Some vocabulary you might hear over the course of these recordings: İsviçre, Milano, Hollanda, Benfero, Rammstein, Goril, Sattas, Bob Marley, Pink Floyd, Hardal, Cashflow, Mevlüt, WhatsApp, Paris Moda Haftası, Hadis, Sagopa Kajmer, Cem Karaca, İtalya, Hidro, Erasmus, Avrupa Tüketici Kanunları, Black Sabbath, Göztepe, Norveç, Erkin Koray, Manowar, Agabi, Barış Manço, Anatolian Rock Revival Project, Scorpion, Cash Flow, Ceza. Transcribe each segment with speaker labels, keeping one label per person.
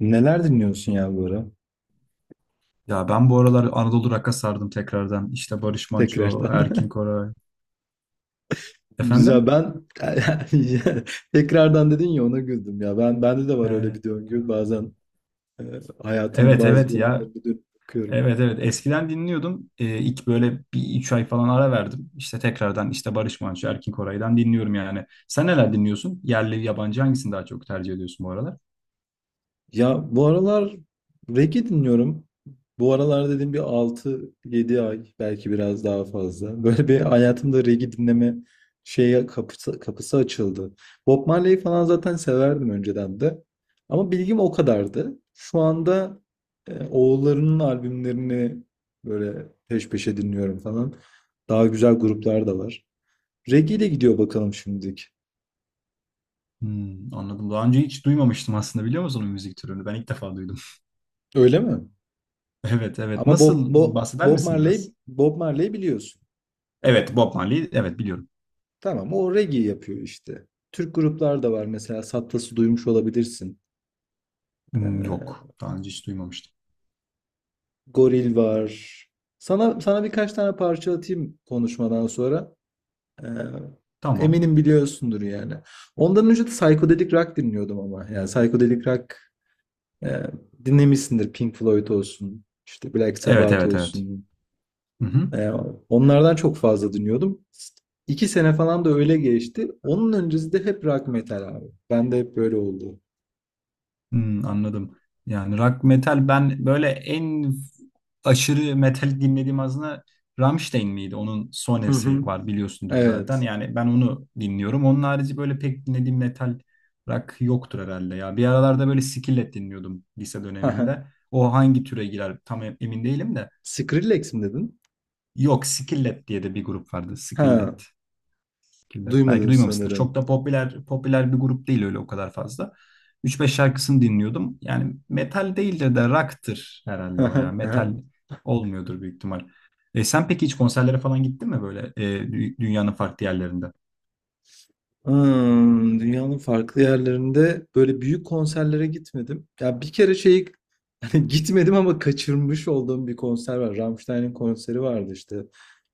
Speaker 1: Neler dinliyorsun ya bu ara?
Speaker 2: Ya ben bu aralar Anadolu rock'a sardım tekrardan. İşte Barış Manço,
Speaker 1: Tekrardan.
Speaker 2: Erkin Koray.
Speaker 1: Güzel.
Speaker 2: Efendim?
Speaker 1: Ben tekrardan dedin ya ona güldüm ya. Ben bende de var öyle
Speaker 2: Ee,
Speaker 1: bir döngü. Bazen e, hayatımın
Speaker 2: evet
Speaker 1: bazı
Speaker 2: evet ya.
Speaker 1: dönemlerinde dönüp bakıyorum.
Speaker 2: Evet evet. Eskiden dinliyordum. İlk böyle bir üç ay falan ara verdim. İşte tekrardan işte Barış Manço, Erkin Koray'dan dinliyorum yani. Sen neler dinliyorsun? Yerli, yabancı hangisini daha çok tercih ediyorsun bu aralar?
Speaker 1: Ya bu aralar reggae dinliyorum. Bu aralar dediğim bir altı yedi ay belki biraz daha fazla. Böyle bir hayatımda reggae dinleme şeye kapısı açıldı. Bob Marley'i falan zaten severdim önceden de. Ama bilgim o kadardı. Şu anda oğullarının albümlerini böyle peş peşe dinliyorum falan. Daha güzel gruplar da var. Reggae ile gidiyor bakalım şimdilik.
Speaker 2: Hmm, anladım. Daha önce hiç duymamıştım aslında biliyor musun o müzik türünü? Ben ilk defa duydum.
Speaker 1: Öyle mi?
Speaker 2: Evet evet.
Speaker 1: Ama
Speaker 2: Nasıl bahseder misin biraz?
Speaker 1: Bob Marley biliyorsun.
Speaker 2: Evet, Bob Marley. Evet, biliyorum.
Speaker 1: Tamam o reggae yapıyor işte. Türk gruplar da var mesela Sattas'ı duymuş olabilirsin.
Speaker 2: Hmm, yok.
Speaker 1: Ee,
Speaker 2: Daha önce hiç duymamıştım.
Speaker 1: Goril var. Sana birkaç tane parça atayım konuşmadan sonra. Ee,
Speaker 2: Tamam.
Speaker 1: eminim biliyorsundur yani. Ondan önce de psychedelic rock dinliyordum ama. Yani psychedelic rock e, dinlemişsindir Pink Floyd olsun, işte Black
Speaker 2: Evet
Speaker 1: Sabbath
Speaker 2: evet evet.
Speaker 1: olsun.
Speaker 2: Hı hı.
Speaker 1: Ee, onlardan çok fazla dinliyordum. İki sene falan da öyle geçti. Onun öncesi de hep rock metal abi. Ben de hep böyle oldu.
Speaker 2: Hmm, anladım. Yani rock metal ben böyle en aşırı metal dinlediğim aslında Rammstein miydi? Onun
Speaker 1: Hı hı.
Speaker 2: sonesi var biliyorsundur zaten.
Speaker 1: Evet.
Speaker 2: Yani ben onu dinliyorum. Onun harici böyle pek dinlediğim metal rock yoktur herhalde ya. Bir aralarda böyle Skillet dinliyordum lise
Speaker 1: Hı hı.
Speaker 2: döneminde. O hangi türe girer tam emin değilim de.
Speaker 1: Skrillex mi dedin?
Speaker 2: Yok, Skillet diye de bir grup vardı.
Speaker 1: Ha,
Speaker 2: Skillet. Killer. Belki
Speaker 1: duymadım
Speaker 2: duymamışsındır. Çok
Speaker 1: sanırım.
Speaker 2: da popüler bir grup değil öyle o kadar fazla. 3-5 şarkısını dinliyordum. Yani metal değildir de rock'tır
Speaker 1: Hı
Speaker 2: herhalde o ya.
Speaker 1: hı, hı
Speaker 2: Metal
Speaker 1: hı.
Speaker 2: olmuyordur büyük ihtimal. Sen peki hiç konserlere falan gittin mi böyle dünyanın farklı yerlerinde?
Speaker 1: Hmm, dünyanın farklı yerlerinde böyle büyük konserlere gitmedim. Ya bir kere şey hani gitmedim ama kaçırmış olduğum bir konser var. Rammstein'in konseri vardı işte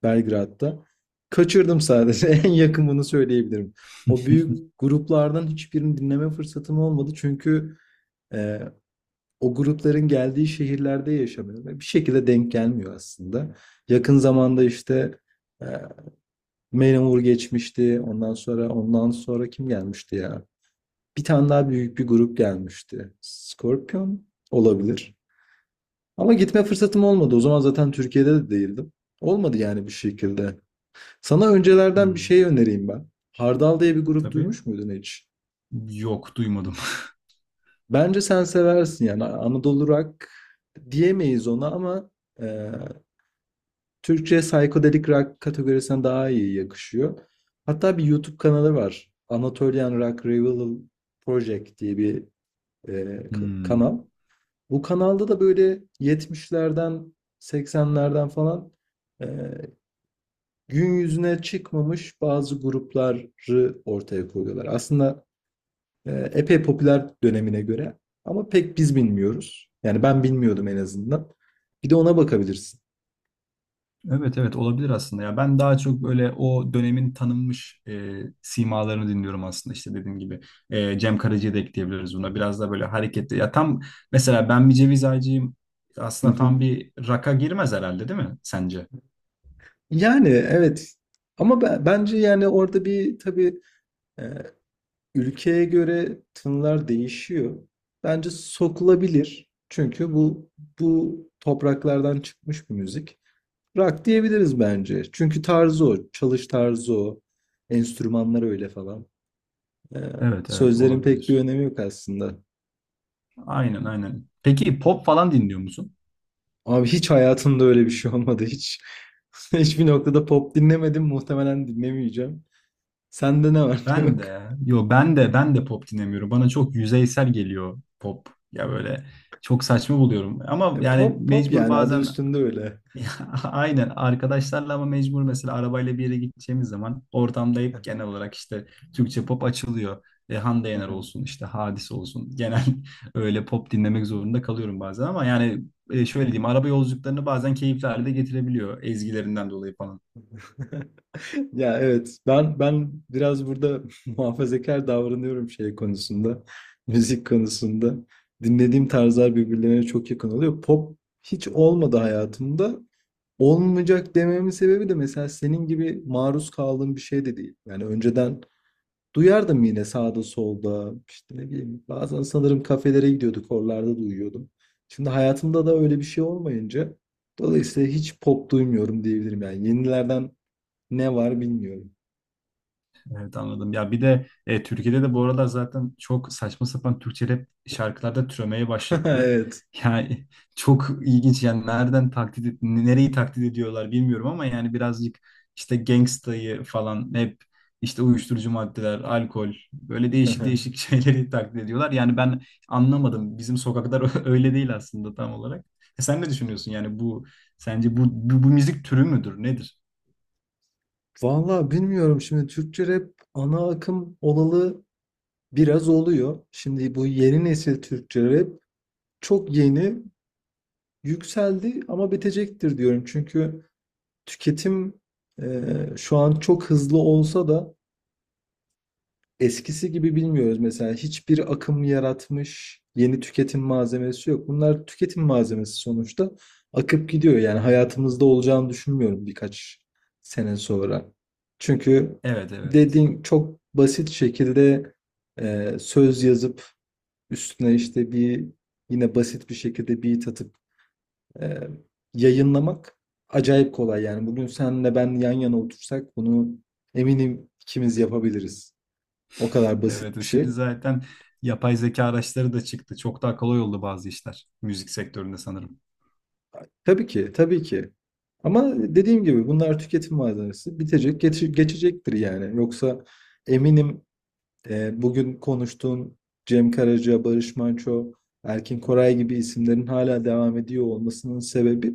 Speaker 1: Belgrad'da. Kaçırdım sadece. En yakın bunu söyleyebilirim. O büyük gruplardan hiçbirini dinleme fırsatım olmadı çünkü e, o grupların geldiği şehirlerde yaşamıyor ve bir şekilde denk gelmiyor aslında. Yakın zamanda işte e, Manowar geçmişti. Ondan sonra kim gelmişti ya? Bir tane daha büyük bir grup gelmişti. Scorpion olabilir. Ama gitme fırsatım olmadı. O zaman zaten Türkiye'de de değildim. Olmadı yani bir şekilde. Sana öncelerden bir
Speaker 2: Hmm,
Speaker 1: şey önereyim ben. Hardal diye bir grup
Speaker 2: tabii.
Speaker 1: duymuş muydun hiç?
Speaker 2: Yok, duymadım.
Speaker 1: Bence sen seversin, yani Anadolu Rock diyemeyiz ona ama ee, Türkçe psychedelic rock kategorisine daha iyi yakışıyor. Hatta bir YouTube kanalı var. Anatolian Rock Revival Project diye bir
Speaker 2: Hmm.
Speaker 1: kanal. Bu kanalda da böyle 70'lerden 80'lerden falan e, gün yüzüne çıkmamış bazı grupları ortaya koyuyorlar. Aslında epey popüler dönemine göre ama pek biz bilmiyoruz. Yani ben bilmiyordum en azından. Bir de ona bakabilirsin.
Speaker 2: Evet evet, olabilir aslında ya ben daha çok böyle o dönemin tanınmış simalarını dinliyorum aslında işte dediğim gibi Cem Karaca'yı da ekleyebiliriz buna biraz da böyle hareketli ya tam mesela ben bir ceviz ağacıyım aslında tam bir rock'a girmez herhalde, değil mi sence?
Speaker 1: Yani evet ama bence yani orada bir tabii e, ülkeye göre tınlar değişiyor. Bence sokulabilir. Çünkü bu topraklardan çıkmış bir müzik. Rock diyebiliriz bence. Çünkü tarzı o, çalış tarzı o, enstrümanlar öyle falan. E,
Speaker 2: Evet evet
Speaker 1: sözlerin pek bir
Speaker 2: olabilir,
Speaker 1: önemi yok aslında.
Speaker 2: aynen aynen, peki pop falan dinliyor musun?
Speaker 1: Abi hiç hayatımda öyle bir şey olmadı hiç. Hiçbir noktada pop dinlemedim. Muhtemelen dinlemeyeceğim. Sende ne var ne
Speaker 2: Ben
Speaker 1: yok?
Speaker 2: de, yo ben de pop dinlemiyorum. Bana çok yüzeysel geliyor pop. Ya böyle çok saçma buluyorum. Ama yani
Speaker 1: Pop pop
Speaker 2: mecbur
Speaker 1: yani adı
Speaker 2: bazen
Speaker 1: üstünde öyle.
Speaker 2: aynen arkadaşlarla ama mecbur mesela arabayla bir yere gideceğimiz zaman ortamda hep genel olarak işte Türkçe pop açılıyor. Hande Yener olsun işte Hadis olsun. Genel öyle pop dinlemek zorunda kalıyorum bazen ama yani şöyle diyeyim araba yolculuklarını bazen keyifli hale de getirebiliyor ezgilerinden dolayı falan.
Speaker 1: Ya evet ben biraz burada muhafazakar davranıyorum şey konusunda. Müzik konusunda. Dinlediğim tarzlar birbirlerine çok yakın oluyor. Pop hiç olmadı hayatımda. Olmayacak dememin sebebi de mesela senin gibi maruz kaldığım bir şey de değil. Yani önceden duyardım yine sağda solda. İşte ne bileyim bazen sanırım kafelere gidiyorduk, oralarda duyuyordum. Şimdi hayatımda da öyle bir şey olmayınca dolayısıyla hiç pop duymuyorum diyebilirim yani. Yenilerden ne var bilmiyorum.
Speaker 2: Evet, anladım. Ya bir de Türkiye'de de bu aralar zaten çok saçma sapan Türkçe rap şarkılarda türemeye başladı.
Speaker 1: Evet.
Speaker 2: Yani çok ilginç yani nereden taklit nereyi taklit ediyorlar bilmiyorum ama yani birazcık işte gangstayı falan hep işte uyuşturucu maddeler, alkol böyle değişik değişik şeyleri taklit ediyorlar. Yani ben anlamadım. Bizim sokaklar öyle değil aslında tam olarak. Sen ne düşünüyorsun yani bu sence bu müzik türü müdür? Nedir?
Speaker 1: Vallahi bilmiyorum, şimdi Türkçe rap ana akım olalı biraz oluyor. Şimdi bu yeni nesil Türkçe rap çok yeni yükseldi ama bitecektir diyorum. Çünkü tüketim şu an çok hızlı olsa da eskisi gibi bilmiyoruz mesela. Hiçbir akım yaratmış yeni tüketim malzemesi yok. Bunlar tüketim malzemesi sonuçta. Akıp gidiyor. Yani hayatımızda olacağını düşünmüyorum birkaç sene sonra. Çünkü
Speaker 2: Evet evet.
Speaker 1: dediğin çok basit şekilde söz yazıp üstüne işte bir yine basit bir şekilde beat atıp e, yayınlamak acayip kolay. Yani bugün senle ben yan yana otursak bunu eminim ikimiz yapabiliriz. O kadar
Speaker 2: Evet,
Speaker 1: basit bir
Speaker 2: şimdi
Speaker 1: şey.
Speaker 2: zaten yapay zeka araçları da çıktı. Çok daha kolay oldu bazı işler müzik sektöründe sanırım.
Speaker 1: Tabii ki, tabii ki. Ama dediğim gibi bunlar tüketim malzemesi. Bitecek, geçecektir yani. Yoksa eminim bugün konuştuğun Cem Karaca, Barış Manço, Erkin Koray gibi isimlerin hala devam ediyor olmasının sebebi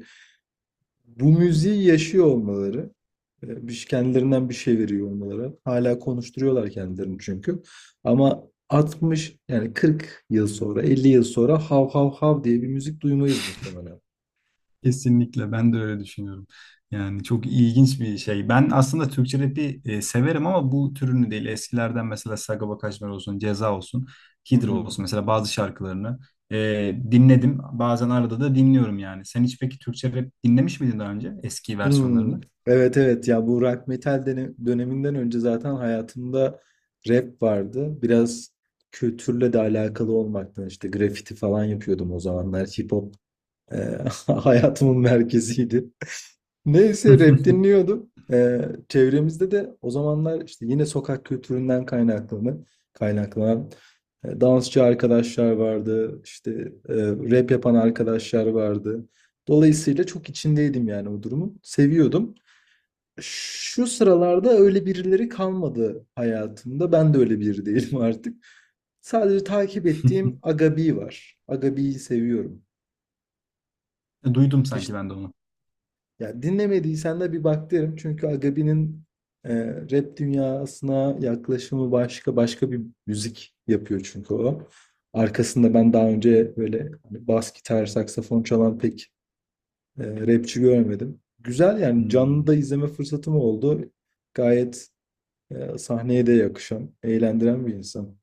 Speaker 1: bu müziği yaşıyor olmaları. Kendilerinden bir şey veriyor olmaları. Hala konuşturuyorlar kendilerini çünkü. Ama 60 yani 40 yıl sonra, 50 yıl sonra hav hav hav diye bir müzik duymayız muhtemelen.
Speaker 2: Kesinlikle ben de öyle düşünüyorum. Yani çok ilginç bir şey. Ben aslında Türkçe rap'i severim ama bu türünü değil. Eskilerden mesela Sagopa Kajmer olsun, Ceza olsun,
Speaker 1: Hı
Speaker 2: Hidro
Speaker 1: hı.
Speaker 2: olsun mesela bazı şarkılarını dinledim. Bazen arada da dinliyorum yani. Sen hiç peki Türkçe rap dinlemiş miydin daha önce eski
Speaker 1: Hmm,
Speaker 2: versiyonlarını?
Speaker 1: evet evet ya bu rock metal döneminden önce zaten hayatımda rap vardı. Biraz kültürle de alakalı olmaktan işte grafiti falan yapıyordum o zamanlar. Hip hop e, hayatımın merkeziydi. Neyse rap dinliyordum. Çevremizde de o zamanlar işte yine sokak kültüründen kaynaklanan dansçı arkadaşlar vardı. İşte e, rap yapan arkadaşlar vardı. Dolayısıyla çok içindeydim yani o durumu. Seviyordum. Şu sıralarda öyle birileri kalmadı hayatımda. Ben de öyle biri değilim artık. Sadece takip ettiğim Agabi var. Agabi'yi seviyorum.
Speaker 2: Duydum
Speaker 1: Hiç
Speaker 2: sanki ben de onu.
Speaker 1: ya dinlemediysen de bir bak derim. Çünkü Agabi'nin rap dünyasına yaklaşımı başka bir müzik yapıyor çünkü o. Arkasında ben daha önce böyle hani bas gitar, saksafon çalan pek rapçi görmedim. Güzel yani canlı
Speaker 2: Hmm.
Speaker 1: da izleme fırsatım oldu. Gayet sahneye de yakışan, eğlendiren bir insan.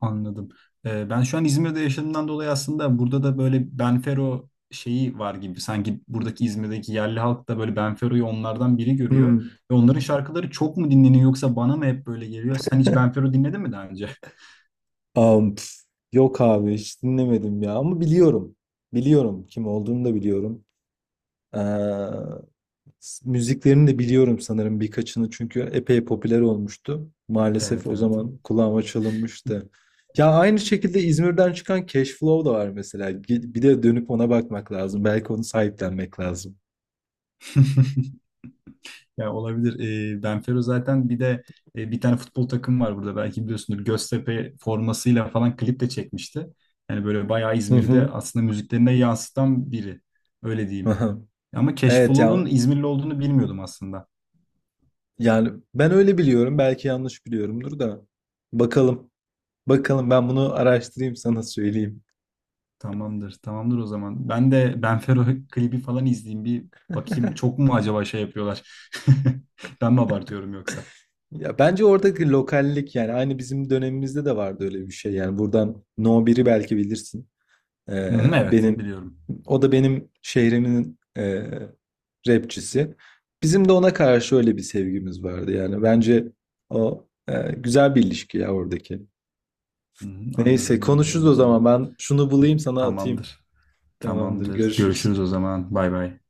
Speaker 2: Anladım. Ben şu an İzmir'de yaşadığımdan dolayı aslında burada da böyle Benfero şeyi var gibi. Sanki buradaki İzmir'deki yerli halk da böyle Benfero'yu onlardan biri görüyor.
Speaker 1: Hmm.
Speaker 2: Ve onların şarkıları çok mu dinleniyor yoksa bana mı hep böyle geliyor? Sen hiç Benfero dinledin mi daha önce?
Speaker 1: Am, pf, yok abi hiç dinlemedim ya ama biliyorum. Biliyorum, kim olduğunu da biliyorum. Ee, Müziklerini de biliyorum sanırım birkaçını çünkü epey popüler olmuştu. Maalesef
Speaker 2: Evet
Speaker 1: o
Speaker 2: evet.
Speaker 1: zaman kulağıma çalınmıştı. Ya aynı şekilde İzmir'den çıkan Cash Flow da var mesela. Bir de dönüp ona bakmak lazım. Belki onu sahiplenmek lazım.
Speaker 2: Ya olabilir. Benfero zaten bir de bir tane futbol takım var burada belki biliyorsundur. Göztepe formasıyla falan klip de çekmişti. Yani böyle bayağı
Speaker 1: Hı
Speaker 2: İzmir'de
Speaker 1: hı.
Speaker 2: aslında müziklerine yansıtan biri. Öyle diyeyim.
Speaker 1: Aha.
Speaker 2: Ama
Speaker 1: Evet
Speaker 2: Cashflow'un
Speaker 1: ya,
Speaker 2: İzmirli olduğunu bilmiyordum aslında.
Speaker 1: yani ben öyle biliyorum. Belki yanlış biliyorumdur da. Bakalım. Bakalım ben bunu araştırayım, sana söyleyeyim.
Speaker 2: Tamamdır, tamamdır o zaman. Ben de Benfero klibi falan izleyeyim bir bakayım. Çok mu acaba şey yapıyorlar? Ben mi abartıyorum yoksa?
Speaker 1: Ya bence oradaki lokallik yani aynı bizim dönemimizde de vardı öyle bir şey. Yani buradan No biri belki bilirsin.
Speaker 2: Hı hı, evet,
Speaker 1: Benim
Speaker 2: biliyorum.
Speaker 1: o da benim şehrimin rapçisi. Bizim de ona karşı öyle bir sevgimiz vardı yani. Bence o güzel bir ilişki ya oradaki.
Speaker 2: Hı hı,
Speaker 1: Neyse
Speaker 2: anladım,
Speaker 1: konuşuruz
Speaker 2: anladım o
Speaker 1: o zaman.
Speaker 2: zaman.
Speaker 1: Ben şunu bulayım sana atayım.
Speaker 2: Tamamdır,
Speaker 1: Tamamdır,
Speaker 2: tamamdır.
Speaker 1: görüşürüz.
Speaker 2: Görüşürüz o zaman. Bay bay.